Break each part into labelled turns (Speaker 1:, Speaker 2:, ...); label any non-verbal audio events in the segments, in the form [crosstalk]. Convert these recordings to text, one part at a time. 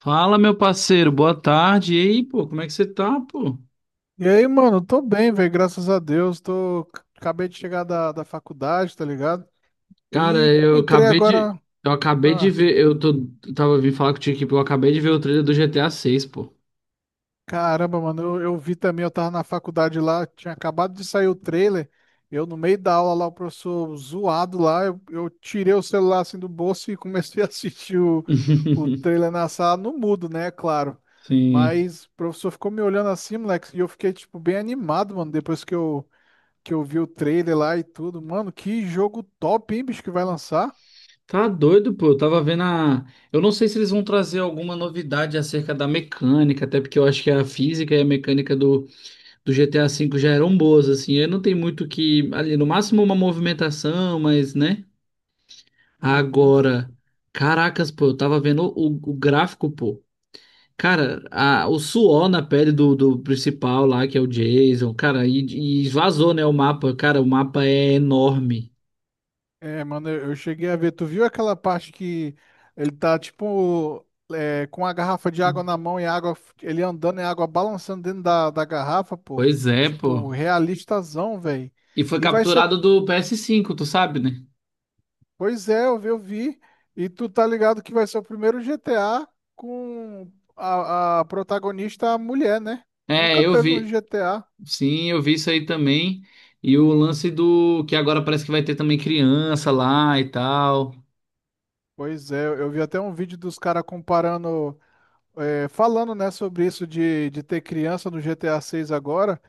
Speaker 1: Fala, meu parceiro, boa tarde. E aí, pô, como é que você tá, pô?
Speaker 2: E aí, mano, tô bem, velho, graças a Deus. Acabei de chegar da faculdade, tá ligado?
Speaker 1: Cara,
Speaker 2: E
Speaker 1: eu
Speaker 2: entrei
Speaker 1: acabei de.
Speaker 2: agora.
Speaker 1: Eu acabei de
Speaker 2: Ah,
Speaker 1: ver. Eu tava vindo falar contigo aqui, pô. Eu acabei de ver o trailer do GTA 6, pô.
Speaker 2: caramba, mano, eu vi também, eu tava na faculdade lá, tinha acabado de sair o trailer. Eu, no meio da aula lá, o professor zoado lá, eu tirei o celular assim do bolso e comecei [laughs] a assistir o,
Speaker 1: [laughs]
Speaker 2: o trailer na sala, no mudo, né, claro.
Speaker 1: Sim.
Speaker 2: Mas o professor ficou me olhando assim, moleque, e eu fiquei, tipo, bem animado, mano, depois que eu vi o trailer lá e tudo. Mano, que jogo top, hein, bicho, que vai lançar?
Speaker 1: Tá doido, pô. Eu tava vendo a. Eu não sei se eles vão trazer alguma novidade acerca da mecânica, até porque eu acho que a física e a mecânica do GTA V já eram boas, assim. Eu não tem muito o que. Ali, no máximo uma movimentação, mas, né?
Speaker 2: Uhum.
Speaker 1: Agora. Caracas, pô, eu tava vendo o gráfico, pô. Cara, o suor na pele do principal lá, que é o Jason, cara, e esvazou, né, o mapa. Cara, o mapa é enorme.
Speaker 2: É, mano, eu cheguei a ver. Tu viu aquela parte que ele tá, tipo, é, com a garrafa de água na mão e a água, ele andando e a água balançando dentro da garrafa, pô.
Speaker 1: Pois é, pô.
Speaker 2: Tipo, realistazão, velho.
Speaker 1: E foi
Speaker 2: E vai ser
Speaker 1: capturado do ps cinco, tu sabe, né?
Speaker 2: Pois é, eu vi, eu vi. E tu tá ligado que vai ser o primeiro GTA com a protagonista mulher, né?
Speaker 1: É,
Speaker 2: Nunca
Speaker 1: eu
Speaker 2: teve um
Speaker 1: vi.
Speaker 2: GTA.
Speaker 1: Sim, eu vi isso aí também. E o lance do que agora parece que vai ter também criança lá e tal.
Speaker 2: Pois é, eu vi até um vídeo dos caras comparando, é, falando, né, sobre isso de ter criança no GTA 6 agora.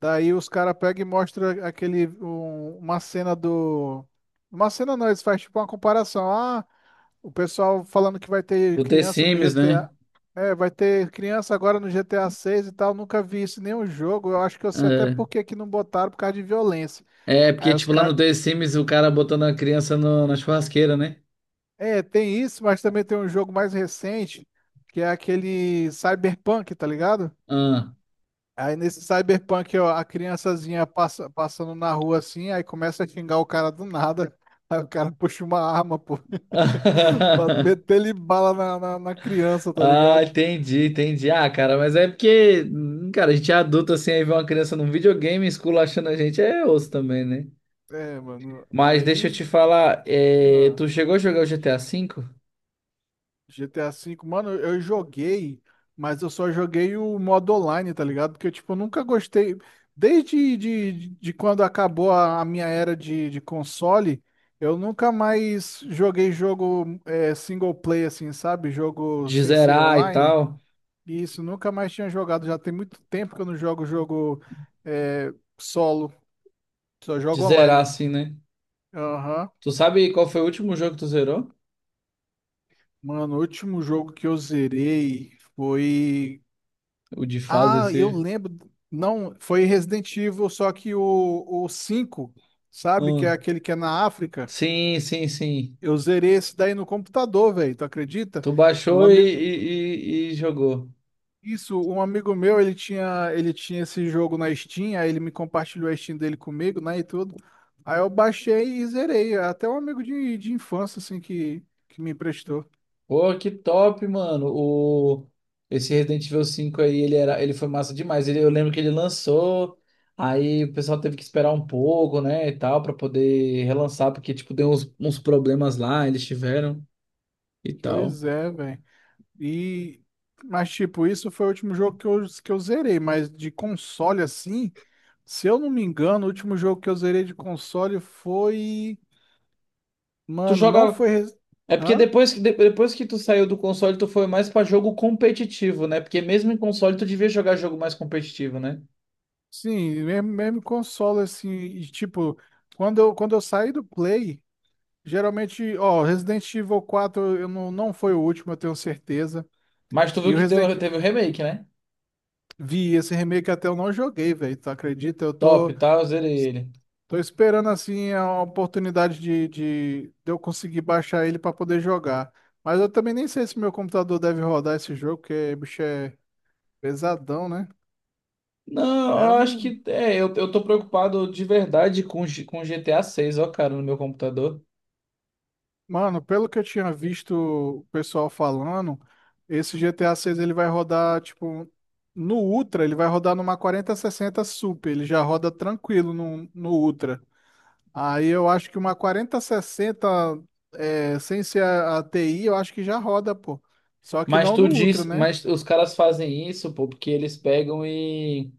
Speaker 2: Daí os caras pegam e mostram uma cena do... Uma cena não, eles fazem tipo uma comparação. Ah, o pessoal falando que vai ter
Speaker 1: O The
Speaker 2: criança no
Speaker 1: Sims,
Speaker 2: GTA.
Speaker 1: né?
Speaker 2: É, vai ter criança agora no GTA 6 e tal. Nunca vi isso em nenhum jogo. Eu acho que eu sei até por que que não botaram por causa de violência.
Speaker 1: É, é porque
Speaker 2: Aí os
Speaker 1: tipo lá no
Speaker 2: caras.
Speaker 1: The Sims o cara botando a criança na churrasqueira, né?
Speaker 2: É, tem isso, mas também tem um jogo mais recente, que é aquele Cyberpunk, tá ligado?
Speaker 1: Ah.
Speaker 2: Aí nesse Cyberpunk, ó, a criançazinha passando na rua assim, aí começa a xingar o cara do nada. [laughs] Aí o cara puxa uma arma, pô, [laughs] pra
Speaker 1: [laughs]
Speaker 2: meter ele bala na criança, tá
Speaker 1: Ah,
Speaker 2: ligado?
Speaker 1: entendi, entendi. Ah, cara, mas é porque, cara, a gente é adulto assim, aí vê uma criança num videogame esculachando a gente, é osso também, né?
Speaker 2: É, mano,
Speaker 1: Mas deixa eu
Speaker 2: aí
Speaker 1: te falar, é,
Speaker 2: Ah,
Speaker 1: tu chegou a jogar o GTA V?
Speaker 2: GTA V, mano, eu joguei, mas eu só joguei o modo online, tá ligado? Porque, tipo, eu nunca gostei. Desde de quando acabou a minha era de console, eu nunca mais joguei jogo é, single play, assim, sabe? Jogo
Speaker 1: De
Speaker 2: sem ser
Speaker 1: zerar e
Speaker 2: online.
Speaker 1: tal?
Speaker 2: E isso, nunca mais tinha jogado. Já tem muito tempo que eu não jogo jogo é, solo, só
Speaker 1: De
Speaker 2: jogo
Speaker 1: zerar
Speaker 2: online.
Speaker 1: assim, né?
Speaker 2: Aham.
Speaker 1: Tu sabe qual foi o último jogo que tu zerou?
Speaker 2: Mano, o último jogo que eu zerei foi.
Speaker 1: O de fase
Speaker 2: Ah, eu
Speaker 1: assim.
Speaker 2: lembro. Não, foi Resident Evil, só que o 5, sabe? Que
Speaker 1: Ah,
Speaker 2: é aquele que é na África.
Speaker 1: sim, sim, sim.
Speaker 2: Eu zerei esse daí no computador, velho. Tu acredita?
Speaker 1: Tu
Speaker 2: Um
Speaker 1: baixou e,
Speaker 2: amigo,
Speaker 1: e, e- e jogou.
Speaker 2: isso, um amigo meu, ele tinha esse jogo na Steam, aí ele me compartilhou a Steam dele comigo, né, e tudo. Aí eu baixei e zerei. Até um amigo de infância, assim, que me emprestou.
Speaker 1: Pô, que top, mano. O... Esse Resident Evil cinco aí, ele era... ele foi massa demais. Ele... Eu lembro que ele lançou, aí o pessoal teve que esperar um pouco, né, e tal, pra poder relançar, porque, tipo, deu uns problemas lá, eles tiveram e tal.
Speaker 2: Pois é, velho. E, mas tipo, isso foi o último jogo que eu zerei, mas de console assim, se eu não me engano, o último jogo que eu zerei de console foi,
Speaker 1: Tu
Speaker 2: mano, não
Speaker 1: jogava.
Speaker 2: foi,
Speaker 1: É porque
Speaker 2: hã?
Speaker 1: depois depois que tu saiu do console, tu foi mais pra jogo competitivo, né? Porque mesmo em console, tu devia jogar jogo mais competitivo, né?
Speaker 2: Sim, mesmo, mesmo console assim, e tipo, quando eu saí do Play, geralmente, ó, Resident Evil 4 eu não, não foi o último, eu tenho certeza.
Speaker 1: Mas tu viu
Speaker 2: E o
Speaker 1: que deu...
Speaker 2: Resident
Speaker 1: teve o remake, né?
Speaker 2: Vi esse remake até eu não joguei, velho, tu acredita? Eu
Speaker 1: Top,
Speaker 2: tô
Speaker 1: tá? Eu zerei ele.
Speaker 2: Tô esperando assim a oportunidade de eu conseguir baixar ele para poder jogar. Mas eu também nem sei se meu computador deve rodar esse jogo, porque bicho é pesadão, né?
Speaker 1: Não,
Speaker 2: É, eu
Speaker 1: eu acho
Speaker 2: não...
Speaker 1: que é, eu tô preocupado de verdade com, com GTA 6, ó, cara, no meu computador.
Speaker 2: Mano, pelo que eu tinha visto o pessoal falando, esse GTA 6 ele vai rodar tipo no Ultra, ele vai rodar numa 4060 Super, ele já roda tranquilo no Ultra. Aí eu acho que uma 4060, é, sem ser a TI, eu acho que já roda, pô. Só que
Speaker 1: Mas
Speaker 2: não
Speaker 1: tu
Speaker 2: no Ultra,
Speaker 1: diz,
Speaker 2: né?
Speaker 1: mas os caras fazem isso, pô, porque eles pegam e,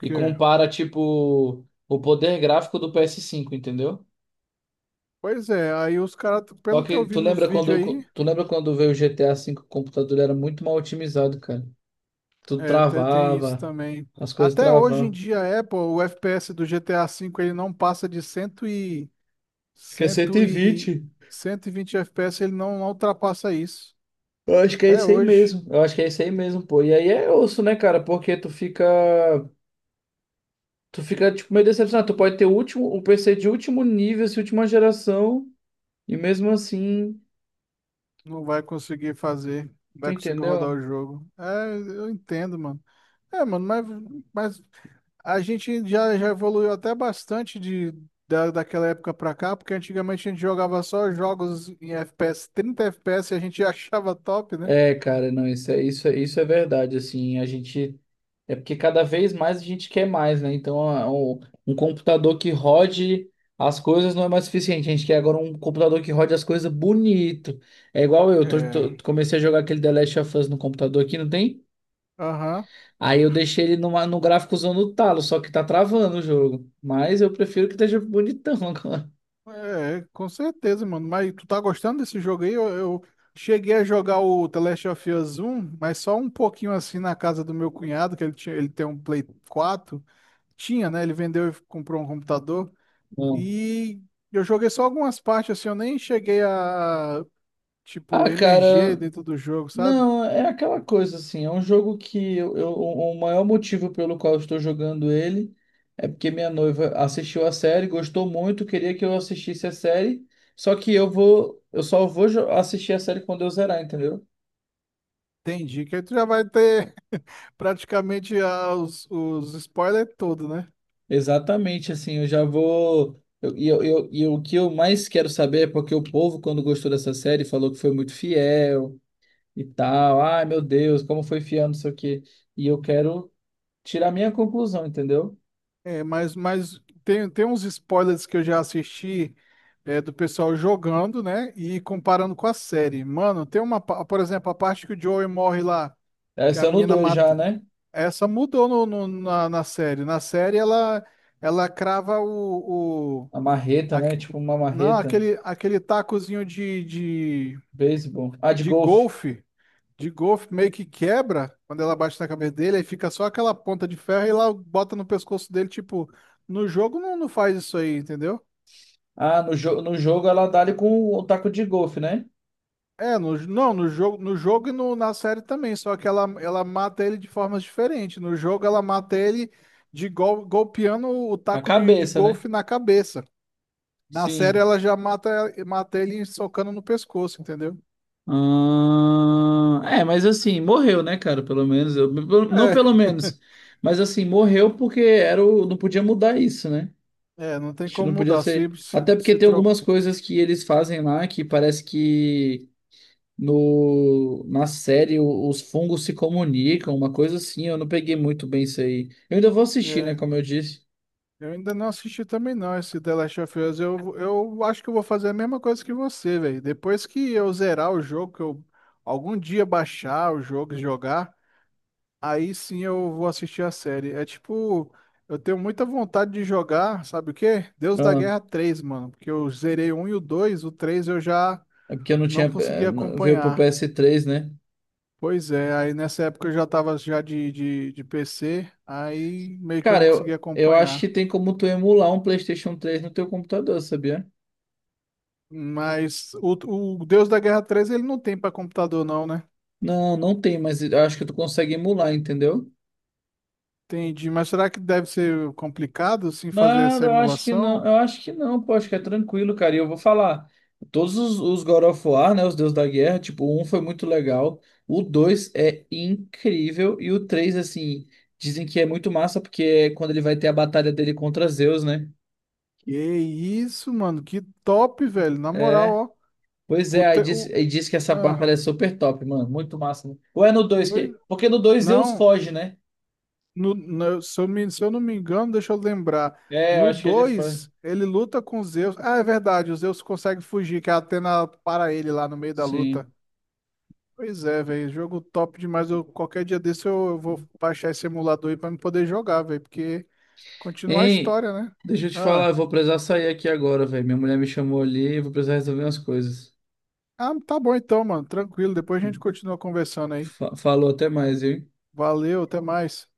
Speaker 1: e compara, tipo, o poder gráfico do PS5, entendeu?
Speaker 2: Pois é, aí os caras,
Speaker 1: Só
Speaker 2: pelo que eu
Speaker 1: que
Speaker 2: vi nos vídeos aí,
Speaker 1: tu lembra quando veio o GTA 5, o computador era muito mal otimizado, cara. Tudo
Speaker 2: é, tem, isso
Speaker 1: travava,
Speaker 2: também.
Speaker 1: as coisas
Speaker 2: Até hoje em
Speaker 1: travavam.
Speaker 2: dia, a Apple, o FPS do GTA V, ele não passa de 100 e,
Speaker 1: Acho que é
Speaker 2: 100 e,
Speaker 1: 120.
Speaker 2: 120 FPS, ele não, não ultrapassa isso.
Speaker 1: Eu acho que é
Speaker 2: Até
Speaker 1: isso aí
Speaker 2: hoje.
Speaker 1: mesmo. Eu acho que é isso aí mesmo, pô. E aí é osso, né, cara? Porque tu fica. Tu fica, tipo, meio decepcionado. Tu pode ter o último, um PC de último nível, assim, última geração, e mesmo assim,
Speaker 2: Não vai conseguir fazer, não
Speaker 1: tu
Speaker 2: vai conseguir rodar o
Speaker 1: entendeu?
Speaker 2: jogo. É, eu entendo, mano. É, mano, mas a gente já evoluiu até bastante daquela época pra cá, porque antigamente a gente jogava só jogos em FPS, 30 FPS e a gente [laughs] achava top, né?
Speaker 1: É, cara, não, isso é verdade, assim, a gente... É porque cada vez mais a gente quer mais, né? Então, um computador que rode as coisas não é mais suficiente. A gente quer agora um computador que rode as coisas bonito. É igual eu,
Speaker 2: É,
Speaker 1: comecei a jogar aquele The Last of Us no computador aqui, não tem?
Speaker 2: aham.
Speaker 1: Aí eu deixei ele numa, no gráficozão no talo, só que tá travando o jogo. Mas eu prefiro que esteja bonitão [laughs] agora.
Speaker 2: É, com certeza, mano. Mas tu tá gostando desse jogo aí? Eu cheguei a jogar o The Last of Us um mas só um pouquinho assim na casa do meu cunhado, que ele tinha, ele tem um Play 4. Tinha, né? Ele vendeu e comprou um computador.
Speaker 1: Não.
Speaker 2: E eu joguei só algumas partes, assim, eu nem cheguei a,
Speaker 1: Ah,
Speaker 2: tipo, emerger
Speaker 1: cara,
Speaker 2: dentro do jogo, sabe?
Speaker 1: não, é aquela coisa assim. É um jogo que o maior motivo pelo qual eu estou jogando ele é porque minha noiva assistiu a série, gostou muito, queria que eu assistisse a série. Só que eu só vou assistir a série quando eu zerar, entendeu?
Speaker 2: Entendi. Que aí tu já vai ter [laughs] praticamente os spoilers todos, né?
Speaker 1: Exatamente, assim, eu já vou. E o que eu mais quero saber é porque o povo, quando gostou dessa série, falou que foi muito fiel e tal. Ai, meu Deus, como foi fiel, não sei o quê. E eu quero tirar minha conclusão, entendeu?
Speaker 2: É, mas tem uns spoilers que eu já assisti é, do pessoal jogando, né? E comparando com a série. Mano, tem por exemplo, a parte que o Joey morre lá, que
Speaker 1: Essa
Speaker 2: a
Speaker 1: é no
Speaker 2: menina
Speaker 1: 2 já,
Speaker 2: mata.
Speaker 1: né?
Speaker 2: Essa mudou na série. Na série ela crava
Speaker 1: A marreta, né?
Speaker 2: aque-
Speaker 1: Tipo uma
Speaker 2: não
Speaker 1: marreta.
Speaker 2: aquele aquele tacozinho
Speaker 1: Beisebol. Ah, de
Speaker 2: de
Speaker 1: golfe.
Speaker 2: golfe de golfe meio que quebra quando ela bate na cabeça dele, aí fica só aquela ponta de ferro e lá bota no pescoço dele, tipo, no jogo não, não faz isso aí, entendeu?
Speaker 1: Ah, no jogo ela dá ali com o taco de golfe, né?
Speaker 2: É no, não no jogo no jogo e no, na série também, só que ela mata ele de formas diferentes. No jogo ela mata ele de golpeando o
Speaker 1: A
Speaker 2: taco de
Speaker 1: cabeça, né?
Speaker 2: golfe na cabeça. Na série
Speaker 1: Sim.
Speaker 2: ela já mata ele socando no pescoço, entendeu?
Speaker 1: Ah, é, mas assim, morreu, né, cara? Pelo menos, eu, pelo- não pelo
Speaker 2: É,
Speaker 1: menos, mas assim, morreu porque era o, não podia mudar isso, né?
Speaker 2: é, não
Speaker 1: A
Speaker 2: tem
Speaker 1: gente
Speaker 2: como
Speaker 1: não podia
Speaker 2: mudar. Se,
Speaker 1: ser.
Speaker 2: se,
Speaker 1: Até porque
Speaker 2: se
Speaker 1: tem
Speaker 2: tro...
Speaker 1: algumas coisas que eles fazem lá que parece que no, na série os fungos se comunicam, uma coisa assim. Eu não peguei muito bem isso aí. Eu ainda vou assistir,
Speaker 2: É,
Speaker 1: né? Como eu disse.
Speaker 2: eu ainda não assisti também não esse The Last of Us. Eu acho que eu vou fazer a mesma coisa que você, velho. Depois que eu zerar o jogo, que eu algum dia baixar o jogo e jogar, aí sim eu vou assistir a série. É tipo, eu tenho muita vontade de jogar, sabe o quê? Deus da
Speaker 1: Ah,
Speaker 2: Guerra 3, mano. Porque eu zerei o 1 e o 2, o 3 eu já
Speaker 1: é porque eu não tinha.
Speaker 2: não consegui
Speaker 1: Veio pro
Speaker 2: acompanhar.
Speaker 1: ps três, né?
Speaker 2: Pois é, aí nessa época eu já tava já de PC, aí meio que eu
Speaker 1: Cara,
Speaker 2: não conseguia
Speaker 1: eu acho que
Speaker 2: acompanhar.
Speaker 1: tem como tu emular um PlayStation três no teu computador, sabia?
Speaker 2: Mas o Deus da Guerra 3 ele não tem para computador não, né?
Speaker 1: Não, não tem, mas eu acho que tu consegue emular, entendeu?
Speaker 2: Entendi, mas será que deve ser complicado sim fazer
Speaker 1: Nada,
Speaker 2: essa
Speaker 1: eu acho que não.
Speaker 2: emulação?
Speaker 1: Eu acho que não, pô, acho que é tranquilo, cara. E eu vou falar. Todos os God of War, né? Os Deus da Guerra, tipo, o um foi muito legal. O dois é incrível. E o três, assim, dizem que é muito massa, porque é quando ele vai ter a batalha dele contra Zeus, né?
Speaker 2: Que isso, mano, que top, velho, na moral,
Speaker 1: É.
Speaker 2: ó.
Speaker 1: Pois
Speaker 2: O,
Speaker 1: é,
Speaker 2: te- o...
Speaker 1: aí diz que essa batalha é
Speaker 2: Ah,
Speaker 1: super top, mano. Muito massa, né? Ou é no dois
Speaker 2: pois
Speaker 1: que. Porque no dois Zeus
Speaker 2: não,
Speaker 1: foge, né?
Speaker 2: se eu não me engano, deixa eu lembrar.
Speaker 1: É, eu
Speaker 2: No
Speaker 1: acho que ele foi.
Speaker 2: 2 ele luta com Zeus. Ah, é verdade, o Zeus consegue fugir, que a Atena para ele lá no meio da luta.
Speaker 1: Sim.
Speaker 2: Pois é, velho, jogo top demais. Eu, qualquer dia desse eu vou baixar esse emulador aí pra me poder jogar, velho, porque continua a
Speaker 1: Ei,
Speaker 2: história, né?
Speaker 1: deixa eu te falar,
Speaker 2: Ah.
Speaker 1: eu vou precisar sair aqui agora, velho. Minha mulher me chamou ali, eu vou precisar resolver umas coisas.
Speaker 2: Ah, tá bom então, mano, tranquilo. Depois a gente continua conversando aí.
Speaker 1: Falou até mais, viu?
Speaker 2: Valeu, até mais.